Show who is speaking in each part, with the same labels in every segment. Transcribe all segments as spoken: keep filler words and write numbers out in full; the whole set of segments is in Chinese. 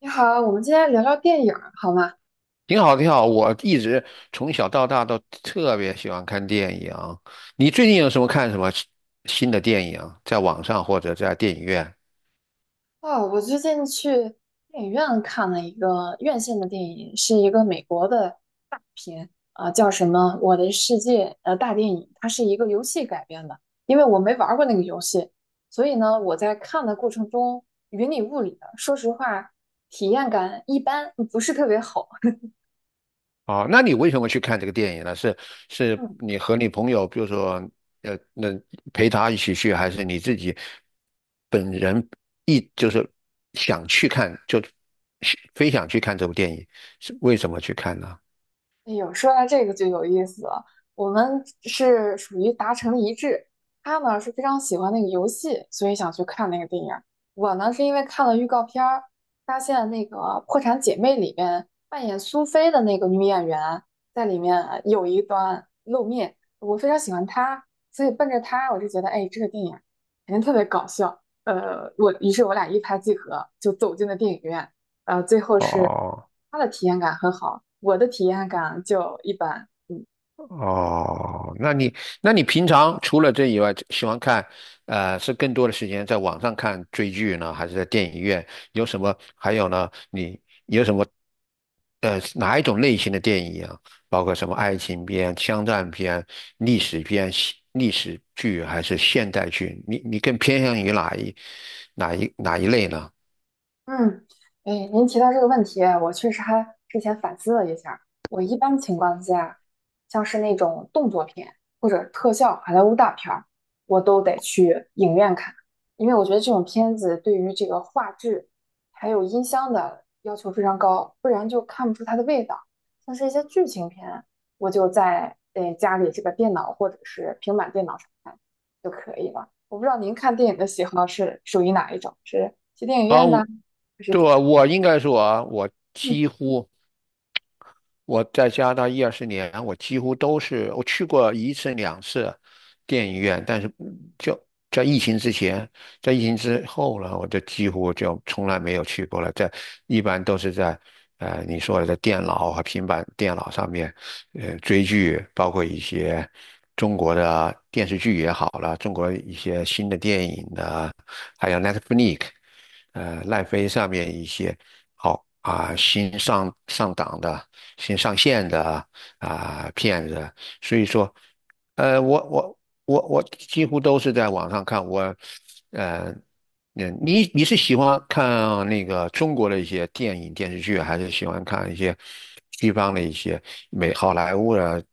Speaker 1: 你好，我们今天聊聊电影儿好吗？
Speaker 2: 挺好，挺好。我一直从小到大都特别喜欢看电影。你最近有什么看什么新的电影，在网上或者在电影院？
Speaker 1: 哦，我最近去电影院看了一个院线的电影，是一个美国的大片啊、呃叫什么《我的世界》呃大电影，它是一个游戏改编的。因为我没玩儿过那个游戏，所以呢，我在看的过程中云里雾里的，说实话，体验感一般，不是特别好。
Speaker 2: 哦，那你为什么去看这个电影呢？是是 你和你朋友，比如说，呃，那陪他一起去，还是你自己本人一就是想去看，就非想去看这部电影，是为什么去看呢？
Speaker 1: 哎呦，说到这个就有意思了。我们是属于达成了一致，他呢是非常喜欢那个游戏，所以想去看那个电影儿。我呢是因为看了预告片儿，发现那个《破产姐妹》里面扮演苏菲的那个女演员在里面有一段露面，我非常喜欢她，所以奔着她我就觉得，哎，这个电影肯定特别搞笑。呃，我于是我俩一拍即合，就走进了电影院。呃，最后是
Speaker 2: 哦。
Speaker 1: 他的体验感很好，我的体验感就一般。
Speaker 2: 哦，那你那你平常除了这以外，喜欢看，呃，是更多的时间在网上看追剧呢，还是在电影院？有什么？还有呢？你有什么？呃，哪一种类型的电影啊？包括什么爱情片、枪战片、历史片、西历史剧还是现代剧？你你更偏向于哪一哪一哪一类呢？
Speaker 1: 嗯，哎，您提到这个问题，我确实还之前反思了一下我一般情况下，像是那种动作片或者特效好莱坞大片儿，我都得去影院看，因为我觉得这种片子对于这个画质还有音箱的要求非常高，不然就看不出它的味道。像是一些剧情片，我就在呃家里这个电脑或者是平板电脑上看就可以了。我不知道您看电影的喜好是属于哪一种，是去电影院的？是
Speaker 2: 对，
Speaker 1: 怎样？
Speaker 2: 我应该说啊，我
Speaker 1: 嗯
Speaker 2: 几乎。我在加拿大一二十年，我几乎都是我去过一次两次电影院，但是嗯就在疫情之前，在疫情之后呢，我就几乎就从来没有去过了。在一般都是在呃你说的在电脑和平板电脑上面，呃追剧，包括一些中国的电视剧也好了，中国一些新的电影的。呃奈飞上面一些好啊、新上上档的、新上线的啊、片子，所以说，呃，我我我我几乎都是在网上看。我，呃，嗯，你你是喜欢看那个中国的一些电影电视剧，还是喜欢看一些西方的一些美好莱坞的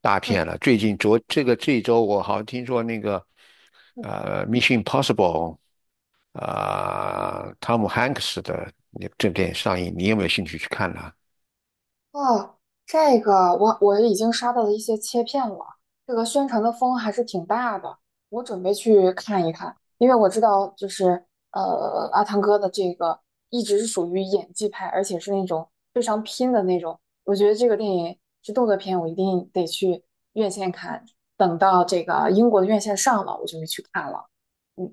Speaker 2: 大
Speaker 1: 嗯
Speaker 2: 片了？最近昨这个这一周，我好像听说那个
Speaker 1: 嗯。
Speaker 2: 呃《Mission Impossible》啊、汤姆汉克斯的那个这部电影上映，你有没有兴趣去看呢？
Speaker 1: 哦，这个我我已经刷到了一些切片了，这个宣传的风还是挺大的，我准备去看一看，因为我知道就是呃阿汤哥的这个一直是属于演技派，而且是那种非常拼的那种，我觉得这个电影是动作片，我一定得去院线看，等到这个英国的院线上了，我就会去看了。嗯，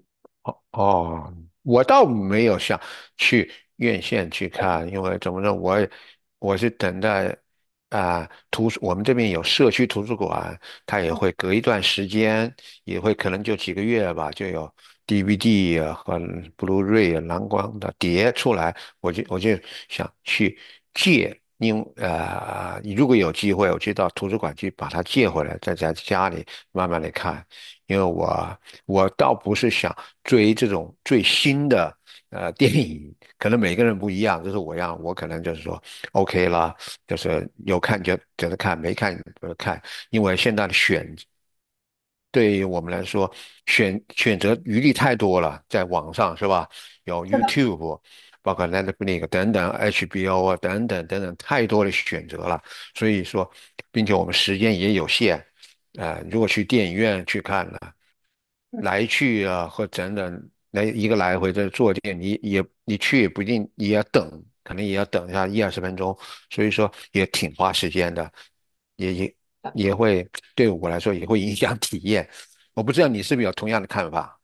Speaker 2: 哦，我倒没有想去院线去看，因为怎么说，我我是等待啊、图书，我们这边有社区图书馆，它也
Speaker 1: 哦，
Speaker 2: 会隔一段时间，也会可能就几个月吧，就有 D V D 啊和 Blu-ray 啊蓝光的碟出来，我就我就想去借。因呃，如果有机会，我去到图书馆去把它借回来，在家家里慢慢的看。因为我我倒不是想追这种最新的呃电影，可能每个人不一样。就是我一样，我可能就是说 OK 啦，就是有看就就是看，没看就看。因为现在的选对于我们来说，选选择余地太多了，在网上是吧？有
Speaker 1: 是的，
Speaker 2: YouTube，包括 l e t f l i x 等等，H B O 啊等等等等，太多的选择了。所以说，并且我们时间也有限，呃，如果去电影院去看呢。
Speaker 1: 嗯。
Speaker 2: 来去啊，或等等，来一个来回的坐垫，你也你去也不一定也要等，可能也要等一下一二十分钟，所以说也挺花时间的，也也也会对我来说也会影响体验。我不知道你是不是有同样的看法？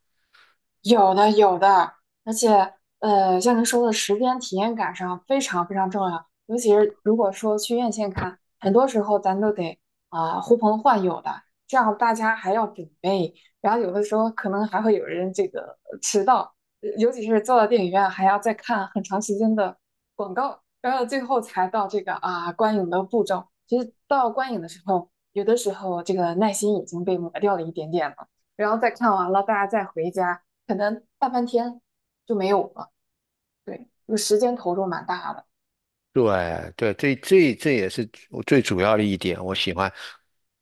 Speaker 1: 有的有的，而且呃，像您说的时间体验感上非常非常重要，尤其是如果说去院线看，很多时候咱都得啊、呼朋唤友的，这样大家还要准备，然后有的时候可能还会有人这个呃迟到，呃尤其是坐到电影院还要再看很长时间的广告，然后最后才到这个啊观影的步骤。其实到观影的时候，有的时候这个耐心已经被磨掉了一点点了，然后再看完了，大家再回家。可能大半天就没有了。对，就时间投入蛮大的。
Speaker 2: 对对，这这这也是我最主要的一点，我喜欢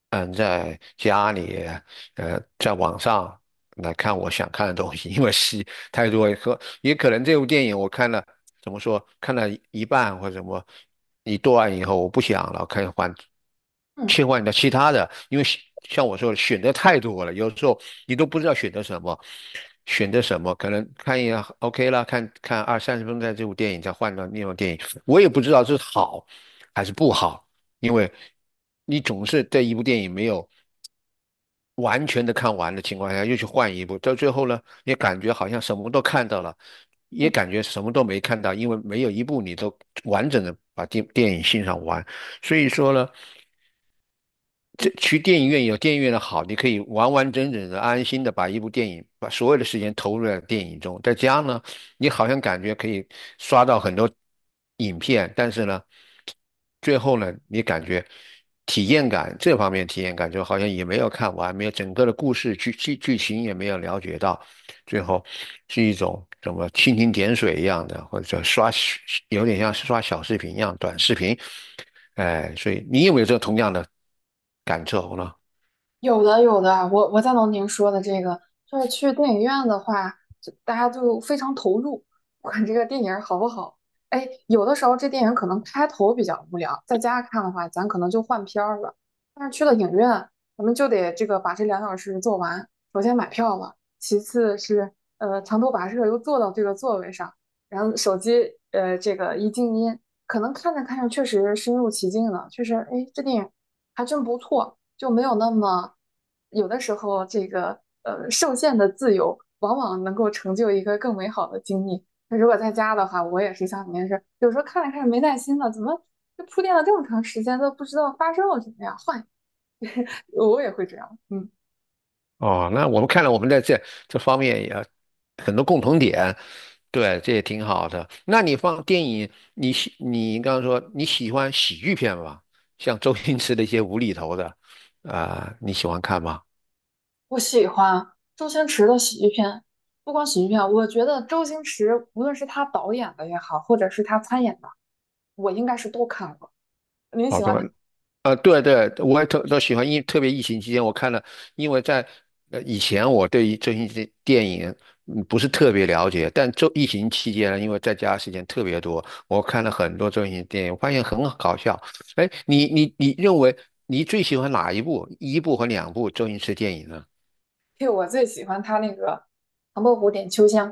Speaker 2: 嗯在家里呃在网上来看我想看的东西，因为是。太多也说也可能这部电影我看了，怎么说，看了一半或者什么一段以后，我不想了，看换
Speaker 1: 嗯
Speaker 2: 切换到其他的，因为选像我说的选择太多了，有时候你都不知道选择什么，选择什么，可能看一下 OK 了，看看二三十分钟的这部电影，再换到另外电影，我也不知道这是好还是不好，因为你总是这一部电影没有。完全的看完的情况下，又去换一部，到最后呢，也感觉好像什么都看到了，也
Speaker 1: 嗯
Speaker 2: 感觉什么都没看到，因为没有一部你都完整的把电电影欣赏完。所以说呢，这
Speaker 1: 嗯。
Speaker 2: 去电影院有电影院的好，你可以完完整整的、安心的把一部电影，把所有的时间投入在电影中。在家呢，你好像感觉可以刷到很多影片，但是呢，最后呢，你感觉体验感这方面体验感就好像也没有看完，没有整个的故事剧剧剧情也没有了解到，最后是一种什么蜻蜓点水一样的，或者刷有点像是刷小视频一样短视频。哎，所以你有没有这同样的感受呢？
Speaker 1: 有的有的，我我赞同您说的这个，就是去电影院的话，就大家就非常投入，不管这个电影好不好。哎，有的时候这电影可能开头比较无聊，在家看的话，咱可能就换片儿了。但是去了影院，咱们就得这个把这两小时做完。首先买票了，其次是呃长途跋涉又坐到这个座位上，然后手机呃这个一静音，可能看着看着确实身入其境了，确实哎这电影还真不错。就没有那么有的时候这个呃受限的自由，往往能够成就一个更美好的经历。那如果在家的话，我也是像你那是，有时候看着看着没耐心了，怎么就铺垫了这么长时间都不知道发生了什么呀？换，我也会这样。嗯，
Speaker 2: 哦，那我们看来我们在这这方面也很多共同点，对，这也挺好的。那你放电影，你喜你刚刚说你喜欢喜剧片吗？像周星驰的一些无厘头的，啊、你喜欢看吗？
Speaker 1: 我喜欢周星驰的喜剧片，不光喜剧片，我觉得周星驰无论是他导演的也好，或者是他参演的，我应该是都看过。您
Speaker 2: 好
Speaker 1: 喜欢
Speaker 2: 多。
Speaker 1: 他？
Speaker 2: 呃，对对，我也特都喜欢，因特别疫情期间我看了，因为在呃以前我对于星驰电影嗯不是特别了解，但周疫情期间呢，因为在家时间特别多，我看了很多周星驰电影，我发现很搞笑。哎，你你你认为你最喜欢哪一部一部和两部周星驰电影呢？
Speaker 1: 对，我最喜欢他那个《唐伯虎点秋香》。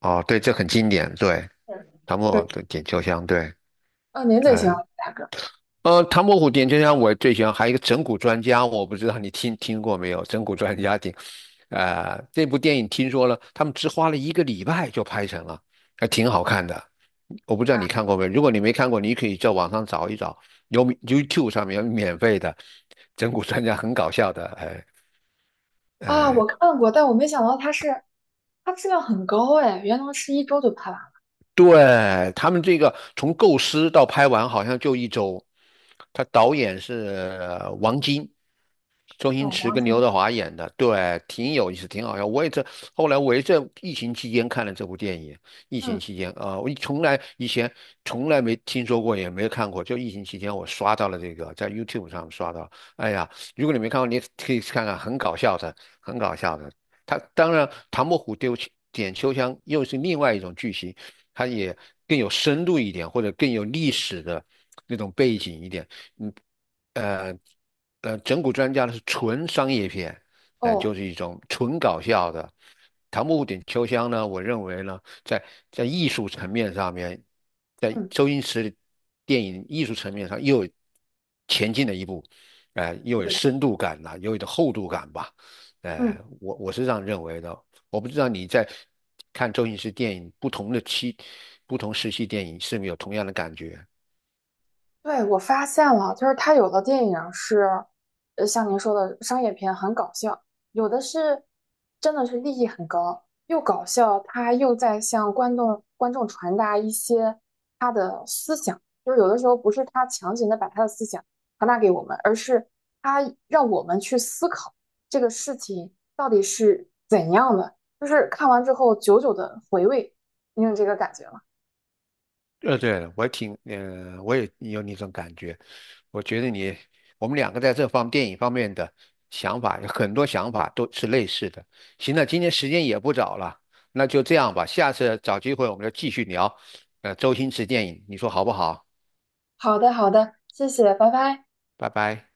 Speaker 2: 哦，对，这很经典，对，
Speaker 1: 是
Speaker 2: 唐伯
Speaker 1: 是。
Speaker 2: 虎点秋香，对，
Speaker 1: 啊，您最喜欢
Speaker 2: 呃
Speaker 1: 哪个？
Speaker 2: 呃，唐伯虎点秋香我最喜欢，还有一个整蛊专家，我不知道你听听过没有？整蛊专家挺，呃，这部电影听说了，他们只花了一个礼拜就拍成了，还挺好看的。我不知道
Speaker 1: 啊
Speaker 2: 你看过没有？如果你没看过，你可以在网上找一找，有 YouTube 上面有免费的整蛊专家，很搞笑的。哎
Speaker 1: 啊，
Speaker 2: 哎，
Speaker 1: 我看过，但我没想到它是它质量很高哎，原来是一周就拍完了。
Speaker 2: 对，他们这个从构思到拍完好像就一周，他导演是呃王晶。周
Speaker 1: 那
Speaker 2: 星
Speaker 1: 我
Speaker 2: 驰
Speaker 1: 忘
Speaker 2: 跟
Speaker 1: 记
Speaker 2: 刘
Speaker 1: 了。
Speaker 2: 德华演的，对，挺有意思，挺好笑。我也这后来我也在疫情期间看了这部电影，疫
Speaker 1: 嗯，
Speaker 2: 情期间啊、呃我从来以前从来没听说过，也没看过，就疫情期间我刷到了这个，在 YouTube 上刷到。哎呀，如果你没看过，你可以去看看，很搞笑的，很搞笑的。他当然，唐伯虎丢点秋香又是另外一种剧情，它也更有深度一点，或者更有历史的那种背景一点，嗯。呃。呃，整蛊专家呢是纯商业片，嗯、就
Speaker 1: 哦，
Speaker 2: 是一种纯搞笑的。唐伯虎点秋香呢，我认为呢，在在艺术层面上面，在
Speaker 1: 嗯，
Speaker 2: 周星驰的电影艺术层面上又有前进了一步，呃，又有
Speaker 1: 对，
Speaker 2: 深度感了，又有点厚度感吧，呃，
Speaker 1: 嗯。
Speaker 2: 我我是这样认为的。我不知道你在看周星驰电影不同的期、不同时期电影是不是有同样的感觉？
Speaker 1: 对，我发现了，就是他有的电影是，呃，像您说的商业片很搞笑，有的是真的是利益很高，又搞笑，他又在向观众观众传达一些他的思想，就是有的时候不是他强行的把他的思想传达给我们，而是他让我们去思考这个事情到底是怎样的，就是看完之后久久的回味，你有这个感觉吗？
Speaker 2: 呃，对了，我挺，呃，我也有那种感觉。我觉得你，我们两个在这方电影方面的想法，有很多想法都是类似的。行了，今天时间也不早了，那就这样吧，下次找机会我们就继续聊，呃，周星驰电影，你说好不好？
Speaker 1: 好的，好的，谢谢，拜拜。
Speaker 2: 拜拜。